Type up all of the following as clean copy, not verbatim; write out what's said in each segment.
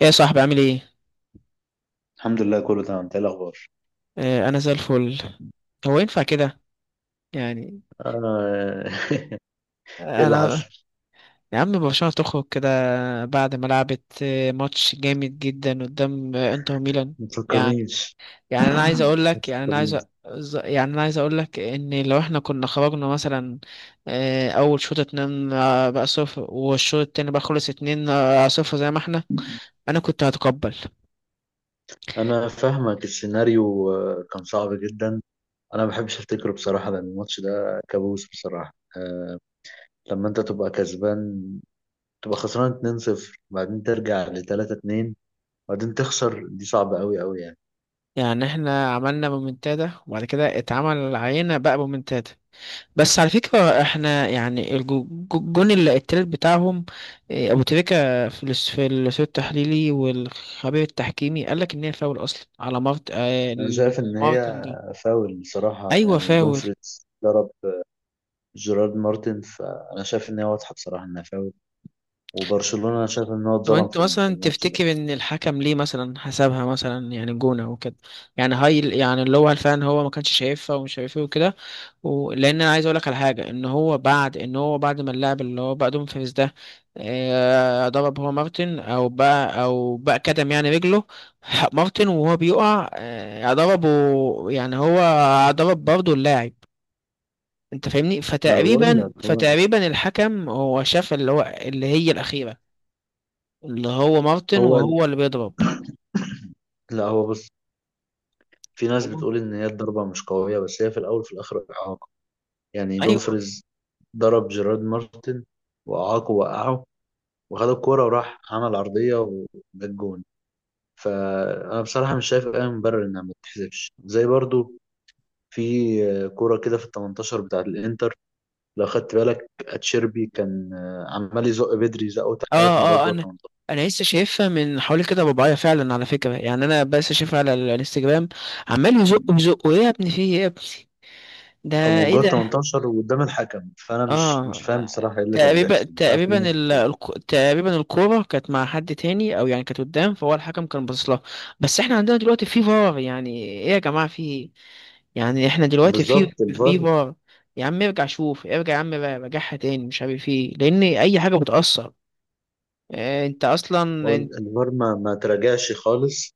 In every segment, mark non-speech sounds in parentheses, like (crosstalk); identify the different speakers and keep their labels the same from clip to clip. Speaker 1: ايه يا صاحبي، عامل ايه؟
Speaker 2: الحمد لله، كله تمام. انت ايه الاخبار؟
Speaker 1: آه، انا زي الفل. هو ينفع كده؟ يعني.
Speaker 2: آه. (laughs) ايه اللي
Speaker 1: انا.
Speaker 2: حصل؟
Speaker 1: يا عم، برشلونة تخرج كده بعد ما لعبت ماتش جامد جدا قدام انتر ميلان.
Speaker 2: ما
Speaker 1: يعني،
Speaker 2: تفكرنيش.
Speaker 1: يعني انا عايز اقول
Speaker 2: ما
Speaker 1: لك يعني انا عايز
Speaker 2: تفكرنيش.
Speaker 1: يعني انا عايز اقول لك ان لو احنا كنا خرجنا مثلا اول شوط اتنين بقى صفر، والشوط التاني بقى خلص اتنين صفر، زي ما احنا. انا كنت هتقبل.
Speaker 2: انا فاهمك السيناريو. كان صعب جدا. انا ما بحبش افتكره بصراحه، لان الماتش ده كابوس بصراحه. لما انت تبقى كسبان تبقى خسران 2-0، وبعدين ترجع ل 3-2، وبعدين تخسر، دي صعبه قوي قوي يعني.
Speaker 1: يعني احنا عملنا مومنتادا، وبعد كده اتعمل علينا بقى مومنتادا. بس على فكرة، احنا يعني الجون التالت بتاعهم. إيه، ابو تريكة في في الاستوديو التحليلي والخبير التحكيمي قال لك ان هي فاول اصلا على
Speaker 2: انا شايف ان
Speaker 1: مارتن
Speaker 2: هي
Speaker 1: ده.
Speaker 2: فاول بصراحه.
Speaker 1: ايوه،
Speaker 2: يعني
Speaker 1: فاول.
Speaker 2: دومفريتس ضرب جيرارد مارتن، فانا شايف ان هي واضحه بصراحه انها فاول. وبرشلونة انا شايف ان هو
Speaker 1: طب
Speaker 2: اتظلم
Speaker 1: انت
Speaker 2: في
Speaker 1: مثلا
Speaker 2: الماتش ده.
Speaker 1: تفتكر ان الحكم ليه مثلا حسبها مثلا يعني جونة وكده؟ يعني هاي يعني اللي هو فعلا هو ما كانش شايفها ومش شايفها وكده. لان انا عايز اقول لك على حاجه، ان هو بعد ما اللاعب اللي هو بقى دوم فيريز ده ضرب هو مارتن او بقى كتم يعني رجله (laughs) مارتن وهو بيقع ضربه. يعني هو ضرب برضه اللاعب. انت فاهمني؟
Speaker 2: ما بقول
Speaker 1: فتقريبا
Speaker 2: لك هو
Speaker 1: فتقريبا الحكم هو شاف اللي هو اللي هي الاخيره، اللي هو مارتن
Speaker 2: هو
Speaker 1: وهو اللي بيضرب.
Speaker 2: لا، هو بص. في ناس بتقول ان هي الضربة مش قوية، بس هي في الاول وفي الاخر اعاقة. يعني
Speaker 1: ايوه.
Speaker 2: دومفريز ضرب جيرارد مارتن، واعاقه، وقعه، وخد الكورة وراح عمل عرضية وجاب جون. فانا بصراحة مش شايف اي مبرر انها ما تتحسبش، زي برضو في كورة كده في ال 18 بتاعة الانتر. لو خدت بالك اتشيربي كان عمال يزق بدري، زقه
Speaker 1: اه،
Speaker 2: 3 مرات
Speaker 1: اه،
Speaker 2: جوه،
Speaker 1: انا. انا لسه شايفها من حوالي كده رباعية فعلا، على فكره. يعني انا بس شايفها على الانستجرام. عمال يزق يزق. ايه يا ابني؟ في ايه يا ابني ده؟
Speaker 2: او
Speaker 1: ايه
Speaker 2: جوه
Speaker 1: ده؟
Speaker 2: 18 وقدام الحكم. فانا مش فاهم
Speaker 1: اه.
Speaker 2: بصراحه ايه اللي كان
Speaker 1: تقريبا
Speaker 2: بيحصل، مش عارف ليه.
Speaker 1: تقريبا الكوره كانت مع حد تاني، او يعني كانت قدام، فهو الحكم كان باصص لها. بس احنا عندنا دلوقتي في فار، يعني ايه يا جماعه؟ في، يعني احنا دلوقتي في
Speaker 2: بالظبط، الفار.
Speaker 1: فار. يا عم ارجع شوف، ارجع يا عم، راجعها تاني مش عارف ايه، لان اي حاجه بتاثر. انت
Speaker 2: هو
Speaker 1: اصلا
Speaker 2: الفار ما تراجعش خالص،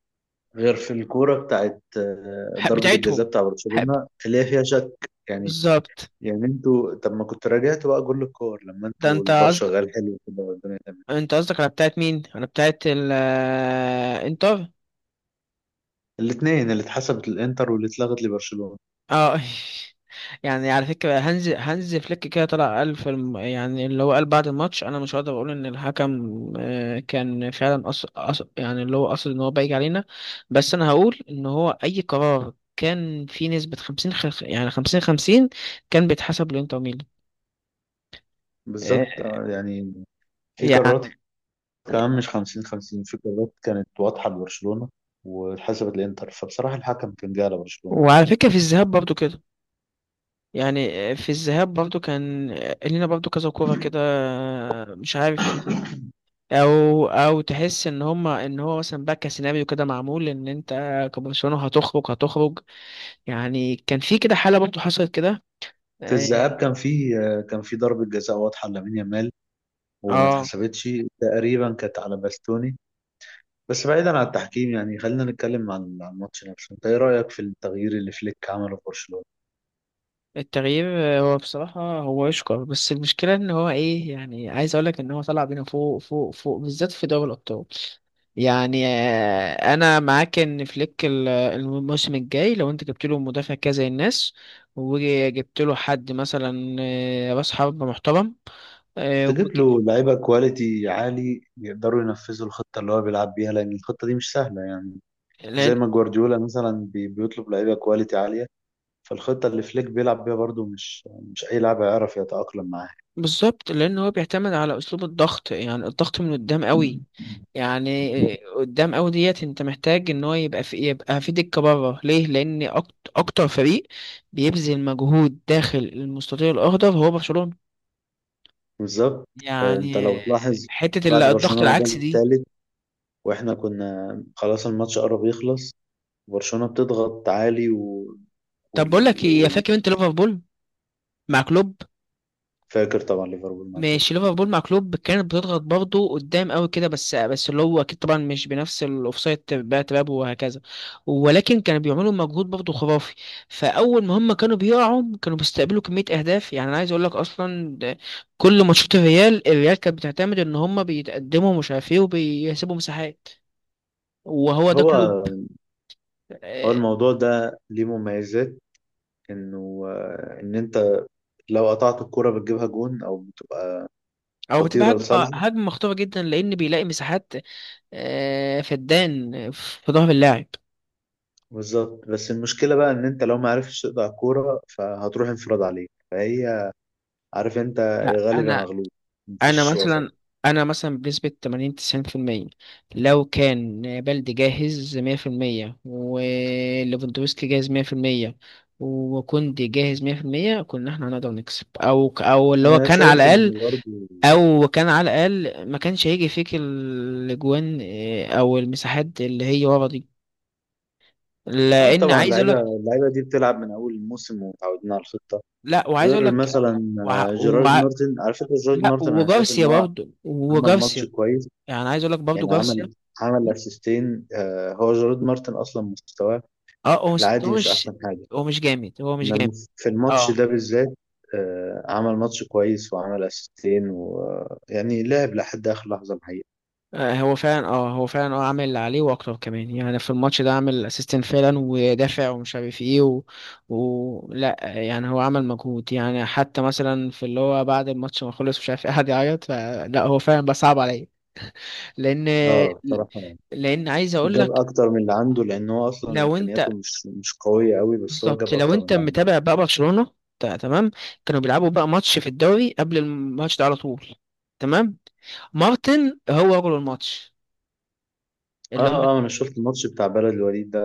Speaker 2: غير في الكوره بتاعت
Speaker 1: حق
Speaker 2: ضربه
Speaker 1: بتاعتهم،
Speaker 2: الجزاء بتاع
Speaker 1: حق،
Speaker 2: برشلونه اللي هي فيها شك يعني.
Speaker 1: بالظبط.
Speaker 2: يعني انتوا طب، ما كنت راجعتوا بقى كل الكور لما
Speaker 1: ده
Speaker 2: انتوا
Speaker 1: انت
Speaker 2: الفار
Speaker 1: قصد،
Speaker 2: شغال حلو كده والدنيا تمام؟
Speaker 1: انت قصدك على بتاعت مين؟ على بتاعت ال انتر؟
Speaker 2: الاثنين اللي اتحسبت للانتر واللي اتلغت لبرشلونه.
Speaker 1: اه (laughs) يعني على فكرة، هانز فليك كده طلع قال في يعني اللي هو قال بعد الماتش، انا مش هقدر اقول ان الحكم كان فعلا يعني اللي هو قصد ان هو بايج علينا. بس انا هقول ان هو اي قرار كان في نسبة 50 يعني 50 50، كان بيتحسب لانتر ميلان.
Speaker 2: بالظبط.
Speaker 1: آه،
Speaker 2: يعني في
Speaker 1: يعني،
Speaker 2: قرارات، كمان مش 50-50، في قرارات كانت واضحة لبرشلونة واتحسبت للإنتر، فبصراحة الحكم كان جاي على برشلونة.
Speaker 1: وعلى فكرة في الذهاب برضو كده. يعني في الذهاب برضو كان لينا برضو كذا كورة كده، مش عارف، في او تحس ان هما ان هو مثلا بقى كسيناريو كده معمول ان انت كبرشلونه هتخرج، هتخرج. يعني كان في كده حاله برضه حصلت كده.
Speaker 2: في
Speaker 1: اه.
Speaker 2: الذهاب كان في ضربة جزاء واضحة لامين يامال وما
Speaker 1: آه،
Speaker 2: اتحسبتش، تقريبا كانت على باستوني. بس بعيدا عن التحكيم يعني، خلينا نتكلم عن الماتش نفسه. انت ايه رأيك في التغيير اللي فليك عمله في برشلونة؟
Speaker 1: التغيير هو بصراحه هو يشكر، بس المشكله ان هو ايه، يعني عايز اقول لك ان هو طلع بينا فوق فوق فوق، بالذات في دوري الابطال. يعني انا معاك ان فليك، الموسم الجاي لو انت جبت له مدافع كذا زي الناس، وجبت له حد مثلا راس حربة محترم، آه،
Speaker 2: تجيب
Speaker 1: وبك-
Speaker 2: له لعيبة كواليتي عالي يقدروا ينفذوا الخطة اللي هو بيلعب بيها، لأن الخطة دي مش سهلة يعني. زي
Speaker 1: لان
Speaker 2: ما جوارديولا مثلا بيطلب لعيبة كواليتي عالية. فالخطة اللي فليك بيلعب بيها برضو مش أي لاعب هيعرف يتأقلم معاها.
Speaker 1: بالظبط، لان هو بيعتمد على اسلوب الضغط، يعني الضغط من قدام قوي. يعني قدام قوي ديت، انت محتاج ان هو يبقى في، دكه بره. ليه؟ لان اكتر فريق بيبذل مجهود داخل المستطيل الاخضر هو برشلونه.
Speaker 2: بالظبط. أنت لو
Speaker 1: يعني
Speaker 2: تلاحظ،
Speaker 1: حته
Speaker 2: بعد
Speaker 1: الضغط
Speaker 2: برشلونة ما
Speaker 1: العكسي
Speaker 2: جاب
Speaker 1: دي.
Speaker 2: التالت وإحنا كنا خلاص الماتش قرب يخلص، برشلونة بتضغط عالي
Speaker 1: طب بقول لك
Speaker 2: وال...
Speaker 1: ايه،
Speaker 2: وال...
Speaker 1: فاكر انت ليفربول مع كلوب؟
Speaker 2: فاكر طبعا، ليفربول مغلوب.
Speaker 1: ماشي، ليفربول مع كلوب كانت بتضغط برضه قدام قوي كده، بس اللي هو اكيد طبعا مش بنفس الاوفسايد بقى تراب وهكذا، ولكن كانوا بيعملوا مجهود برضه خرافي. فاول ما هم كانوا بيقعوا، كانوا بيستقبلوا كميه اهداف. يعني انا عايز اقول لك اصلا، ده كل ماتشات الريال كانت بتعتمد ان هم بيتقدموا مش عارف ايه، وبيسيبوا مساحات. وهو ده
Speaker 2: هو
Speaker 1: كلوب.
Speaker 2: هو
Speaker 1: آه،
Speaker 2: الموضوع ده ليه مميزات. انه ان انت لو قطعت الكرة بتجيبها جون
Speaker 1: او بتبقى
Speaker 2: خطيرة
Speaker 1: هجمه،
Speaker 2: لصالحك.
Speaker 1: هجمه مخطوره جدا، لان بيلاقي مساحات فدان في ظهر اللاعب.
Speaker 2: بالظبط. بس المشكلة بقى ان انت لو ما عرفتش تقطع الكرة فهتروح انفراد عليك، فهي عارف انت، يا
Speaker 1: لا،
Speaker 2: غالب يا
Speaker 1: انا،
Speaker 2: مغلوب،
Speaker 1: انا
Speaker 2: مفيش وسط.
Speaker 1: مثلا انا مثلا بنسبة 80 90%، لو كان بلدي جاهز 100%، وليفاندوفسكي جاهز 100%، وكوندي جاهز 100%، كنا احنا هنقدر نكسب، او اللي هو
Speaker 2: انا
Speaker 1: كان على
Speaker 2: شايف
Speaker 1: الاقل،
Speaker 2: ان برضه
Speaker 1: او كان على الاقل ما كانش هيجي فيك الاجوان او المساحات اللي هي ورا دي.
Speaker 2: اه،
Speaker 1: لان
Speaker 2: طبعا
Speaker 1: عايز اقول
Speaker 2: اللعيبه
Speaker 1: لك،
Speaker 2: اللعيبه دي بتلعب من اول الموسم ومتعودين على الخطه.
Speaker 1: لا وعايز اقول
Speaker 2: غير
Speaker 1: لك،
Speaker 2: مثلا
Speaker 1: وع...
Speaker 2: جيرارد
Speaker 1: وع...
Speaker 2: مارتن، على فكره جيرارد
Speaker 1: لا،
Speaker 2: مارتن انا شايف ان هو عمل
Speaker 1: وجارسيا،
Speaker 2: ماتش كويس.
Speaker 1: يعني عايز اقول لك برضه
Speaker 2: يعني
Speaker 1: جارسيا.
Speaker 2: عمل اسيستين. هو جيرارد مارتن اصلا مستواه
Speaker 1: اه،
Speaker 2: في العادي
Speaker 1: هو
Speaker 2: مش
Speaker 1: مش،
Speaker 2: احسن حاجه،
Speaker 1: هو مش جامد، هو مش جامد.
Speaker 2: انما في الماتش
Speaker 1: اه،
Speaker 2: ده بالذات عمل ماتش كويس وعمل اسيستين، ويعني لعب لحد اخر لحظه الحقيقه.
Speaker 1: هو فعلا، اه هو فعلا اه عامل اللي عليه واكتر كمان. يعني في الماتش ده عامل اسيستنت فعلا، ودافع ومش عارف ايه لا يعني هو عمل مجهود. يعني حتى مثلا في اللي هو بعد الماتش ما خلص مش عارف ايه، قعد يعيط، فلا هو فعلا بقى صعب عليا. لان،
Speaker 2: اه، بصراحه
Speaker 1: لان عايز اقول
Speaker 2: جاب
Speaker 1: لك،
Speaker 2: اكتر من اللي عنده، لان هو اصلا
Speaker 1: لو
Speaker 2: امكانياته
Speaker 1: انت،
Speaker 2: مش قويه قوي، بس هو
Speaker 1: بالظبط،
Speaker 2: جاب
Speaker 1: لو
Speaker 2: اكتر من
Speaker 1: انت
Speaker 2: اللي عنده.
Speaker 1: متابع بقى برشلونة تمام؟ كانوا بيلعبوا بقى ماتش في الدوري قبل الماتش ده على طول، تمام؟ مارتن هو رجل الماتش اللي هم.
Speaker 2: اه، اه، انا شفت الماتش بتاع بلد الوليد ده.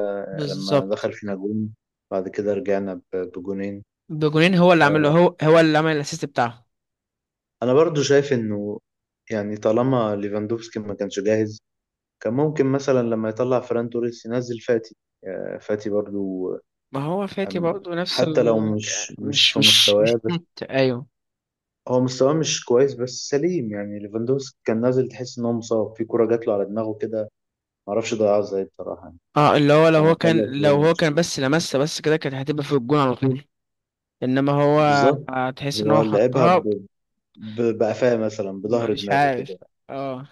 Speaker 2: لما
Speaker 1: بالظبط.
Speaker 2: دخل فينا جون، بعد كده رجعنا بجونين.
Speaker 1: بجونين، هو اللي عمله،
Speaker 2: آه،
Speaker 1: هو اللي عمل الاسيست بتاعه.
Speaker 2: انا برضو شايف انه يعني طالما ليفاندوفسكي ما كانش جاهز، كان ممكن مثلا لما يطلع فران توريس ينزل فاتي. فاتي برضو.
Speaker 1: ما هو فاتي
Speaker 2: أم-
Speaker 1: برضه نفس
Speaker 2: حتى لو
Speaker 1: ال
Speaker 2: مش مش
Speaker 1: مش
Speaker 2: في مستواه،
Speaker 1: (laughs)
Speaker 2: بس
Speaker 1: نوت. ايوه.
Speaker 2: هو مستواه مش كويس بس سليم. يعني ليفاندوفسكي كان نازل تحس ان هو مصاب، في كرة جات له على دماغه كده، معرفش ضيعها ازاي بصراحة يعني.
Speaker 1: اه، اللي هو لو
Speaker 2: كان
Speaker 1: هو
Speaker 2: هيخلص
Speaker 1: كان،
Speaker 2: زي الماتش.
Speaker 1: بس لمسه بس كده، كانت هتبقى في الجون على طول. انما هو
Speaker 2: بالظبط.
Speaker 1: تحس ان
Speaker 2: هو
Speaker 1: هو
Speaker 2: لعبها
Speaker 1: حطها
Speaker 2: بقفاه، مثلا بظهر
Speaker 1: مش
Speaker 2: دماغه
Speaker 1: عارف.
Speaker 2: كده.
Speaker 1: اه.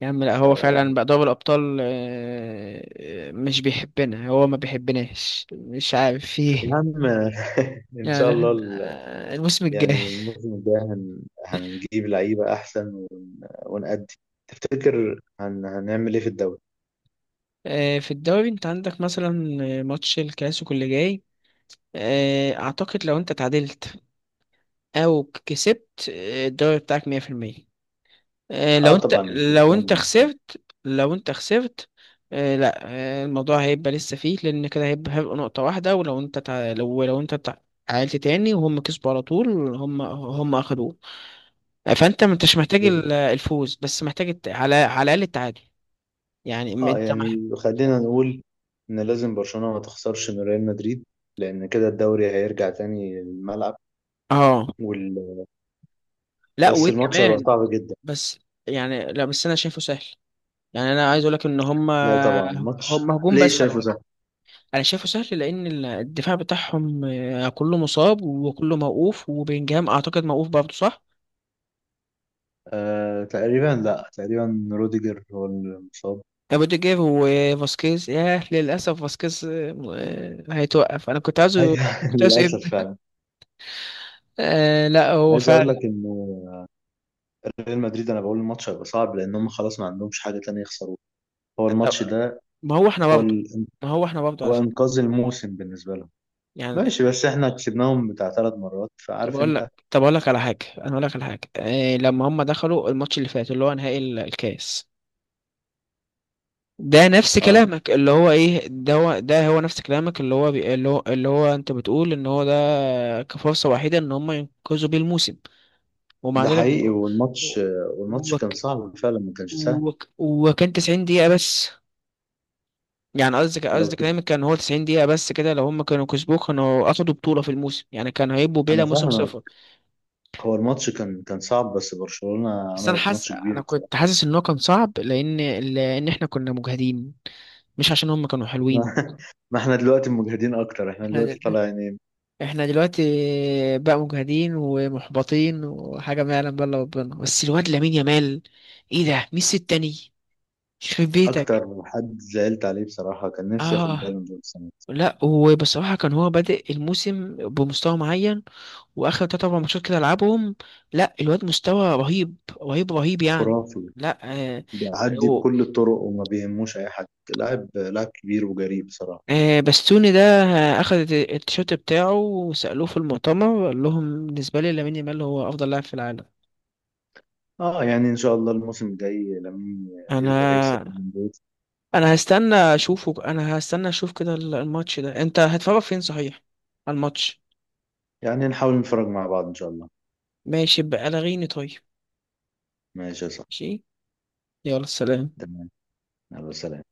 Speaker 1: يا عم، لا
Speaker 2: ف
Speaker 1: هو فعلا بقى دوري الأبطال مش بيحبنا، هو ما بيحبناش مش عارف
Speaker 2: يا
Speaker 1: فيه.
Speaker 2: عم (laughs) ان شاء
Speaker 1: يعني
Speaker 2: الله
Speaker 1: الموسم الجاي.
Speaker 2: يعني الموسم الجاي هنجيب لعيبة احسن ونأدي. تفتكر هنعمل ايه في الدوري؟
Speaker 1: في الدوري انت عندك مثلا ماتش الكلاسيكو اللي جاي. اعتقد لو انت تعادلت او كسبت، الدوري بتاعك 100%. لو
Speaker 2: اه
Speaker 1: انت،
Speaker 2: طبعا، برشلونة مع السنة.
Speaker 1: لو انت خسرت. لا. الموضوع هيبقى لسه فيه، لان كده هيبقى، نقطة واحدة. ولو انت لو انت تعادلت تاني وهم كسبوا على طول، هم اخدوه. فانت ما انتش محتاج الفوز، بس محتاج على الاقل التعادل. يعني ما
Speaker 2: اه
Speaker 1: انت
Speaker 2: يعني خلينا نقول ان لازم برشلونة ما تخسرش من ريال مدريد، لان كده الدوري هيرجع تاني للملعب.
Speaker 1: اه،
Speaker 2: وال...
Speaker 1: لا
Speaker 2: بس الماتش هيبقى
Speaker 1: وكمان،
Speaker 2: صعب جدا.
Speaker 1: بس، يعني لا، بس انا شايفه سهل. يعني انا عايز اقول لك ان
Speaker 2: لا، طبعا ماتش.
Speaker 1: هم هجوم
Speaker 2: ليه
Speaker 1: بس.
Speaker 2: شايفه سهل؟
Speaker 1: انا شايفه سهل لان الدفاع بتاعهم كله مصاب وكله موقوف، وبيلينجهام اعتقد موقوف برضه، صح؟
Speaker 2: آه تقريبا. لا، تقريبا روديجر هو المصاب.
Speaker 1: روديجر وفاسكيز، ياه للاسف فاسكيز، هيتوقف، انا كنت عايزه،
Speaker 2: أيوة، (laughs)
Speaker 1: كنت عايزه
Speaker 2: للاسف
Speaker 1: يبدا.
Speaker 2: فعلا.
Speaker 1: آه، لا هو
Speaker 2: عايز اقول
Speaker 1: فعلا.
Speaker 2: لك انه ريال مدريد، انا بقول الماتش هيبقى صعب لان هم خلاص ما عندهمش حاجه تانية يخسروها. هو
Speaker 1: طب-
Speaker 2: الماتش ده،
Speaker 1: ما هو احنا
Speaker 2: هو
Speaker 1: برضه،
Speaker 2: ال...
Speaker 1: ما هو احنا برضه على
Speaker 2: هو
Speaker 1: فكره،
Speaker 2: انقاذ الموسم بالنسبه لهم.
Speaker 1: يعني.
Speaker 2: ماشي، بس احنا كسبناهم بتاع 3 مرات، فعارف انت.
Speaker 1: طب اقول لك على حاجه، لما هم دخلوا الماتش اللي فات، اللي هو نهائي الكاس ده، نفس
Speaker 2: اه،
Speaker 1: كلامك. اللي هو ايه ده، هو نفس كلامك اللي هو اللي هو انت بتقول ان هو ده كفرصة وحيدة ان هم ينقذوا بيه الموسم، ومع
Speaker 2: ده
Speaker 1: ذلك
Speaker 2: حقيقي. والماتش كان
Speaker 1: وك...
Speaker 2: صعب فعلا، ما كانش سهل.
Speaker 1: وكان 90 دقيقة بس. يعني
Speaker 2: لو
Speaker 1: قصدك
Speaker 2: تف-
Speaker 1: كلامك كان هو 90 دقيقة بس كده، لو هم كانوا كسبوه كانوا اخدوا بطولة في الموسم، يعني كانوا هيبقوا
Speaker 2: انا
Speaker 1: بلا موسم
Speaker 2: فاهمك.
Speaker 1: صفر.
Speaker 2: هو الماتش كان صعب، بس برشلونه
Speaker 1: بس انا
Speaker 2: عملت
Speaker 1: حاسس،
Speaker 2: ماتش كبير.
Speaker 1: انا كنت حاسس ان هو كان صعب لان، لان احنا كنا مجهدين، مش عشان هم كانوا
Speaker 2: ما
Speaker 1: حلوين.
Speaker 2: (laughs) ما احنا دلوقتي مجهدين اكتر، احنا دلوقتي طالعين.
Speaker 1: احنا دلوقتي بقى مجهدين ومحبطين، وحاجة ما يعلم بقى الا ربنا. بس الواد لامين يامال، ايه ده؟ ميسي التاني، يخرب بيتك.
Speaker 2: اكتر حد زعلت عليه بصراحة كان نفسي ياخد
Speaker 1: اه،
Speaker 2: بالون دور السنة دي.
Speaker 1: لا وبصراحة كان هو بادئ الموسم بمستوى معين، واخر تلات اربع ماتشات كده لعبهم. لا الواد مستوى رهيب، رهيب رهيب يعني.
Speaker 2: خرافي.
Speaker 1: لا. آه.
Speaker 2: بيعدي
Speaker 1: و-
Speaker 2: بكل الطرق وما بيهموش اي حد، لاعب، لاعب كبير وجريء بصراحة.
Speaker 1: بستوني ده اخد التيشيرت بتاعه، وسألوه في المؤتمر قال لهم بالنسبة لي لامين يامال هو افضل لاعب في العالم.
Speaker 2: اه يعني ان شاء الله الموسم الجاي لامين يقدر يكسب
Speaker 1: انا،
Speaker 2: بالون دور.
Speaker 1: انا هستنى اشوفه، انا هستنى اشوف كده الماتش ده انت هتفرج فين صحيح؟ على الماتش.
Speaker 2: يعني نحاول نتفرج مع بعض ان شاء الله.
Speaker 1: ماشي بقى لغيني طيب.
Speaker 2: ماشي يا صاحبي.
Speaker 1: ماشي، يلا سلام.
Speaker 2: تمام. يلا سلام.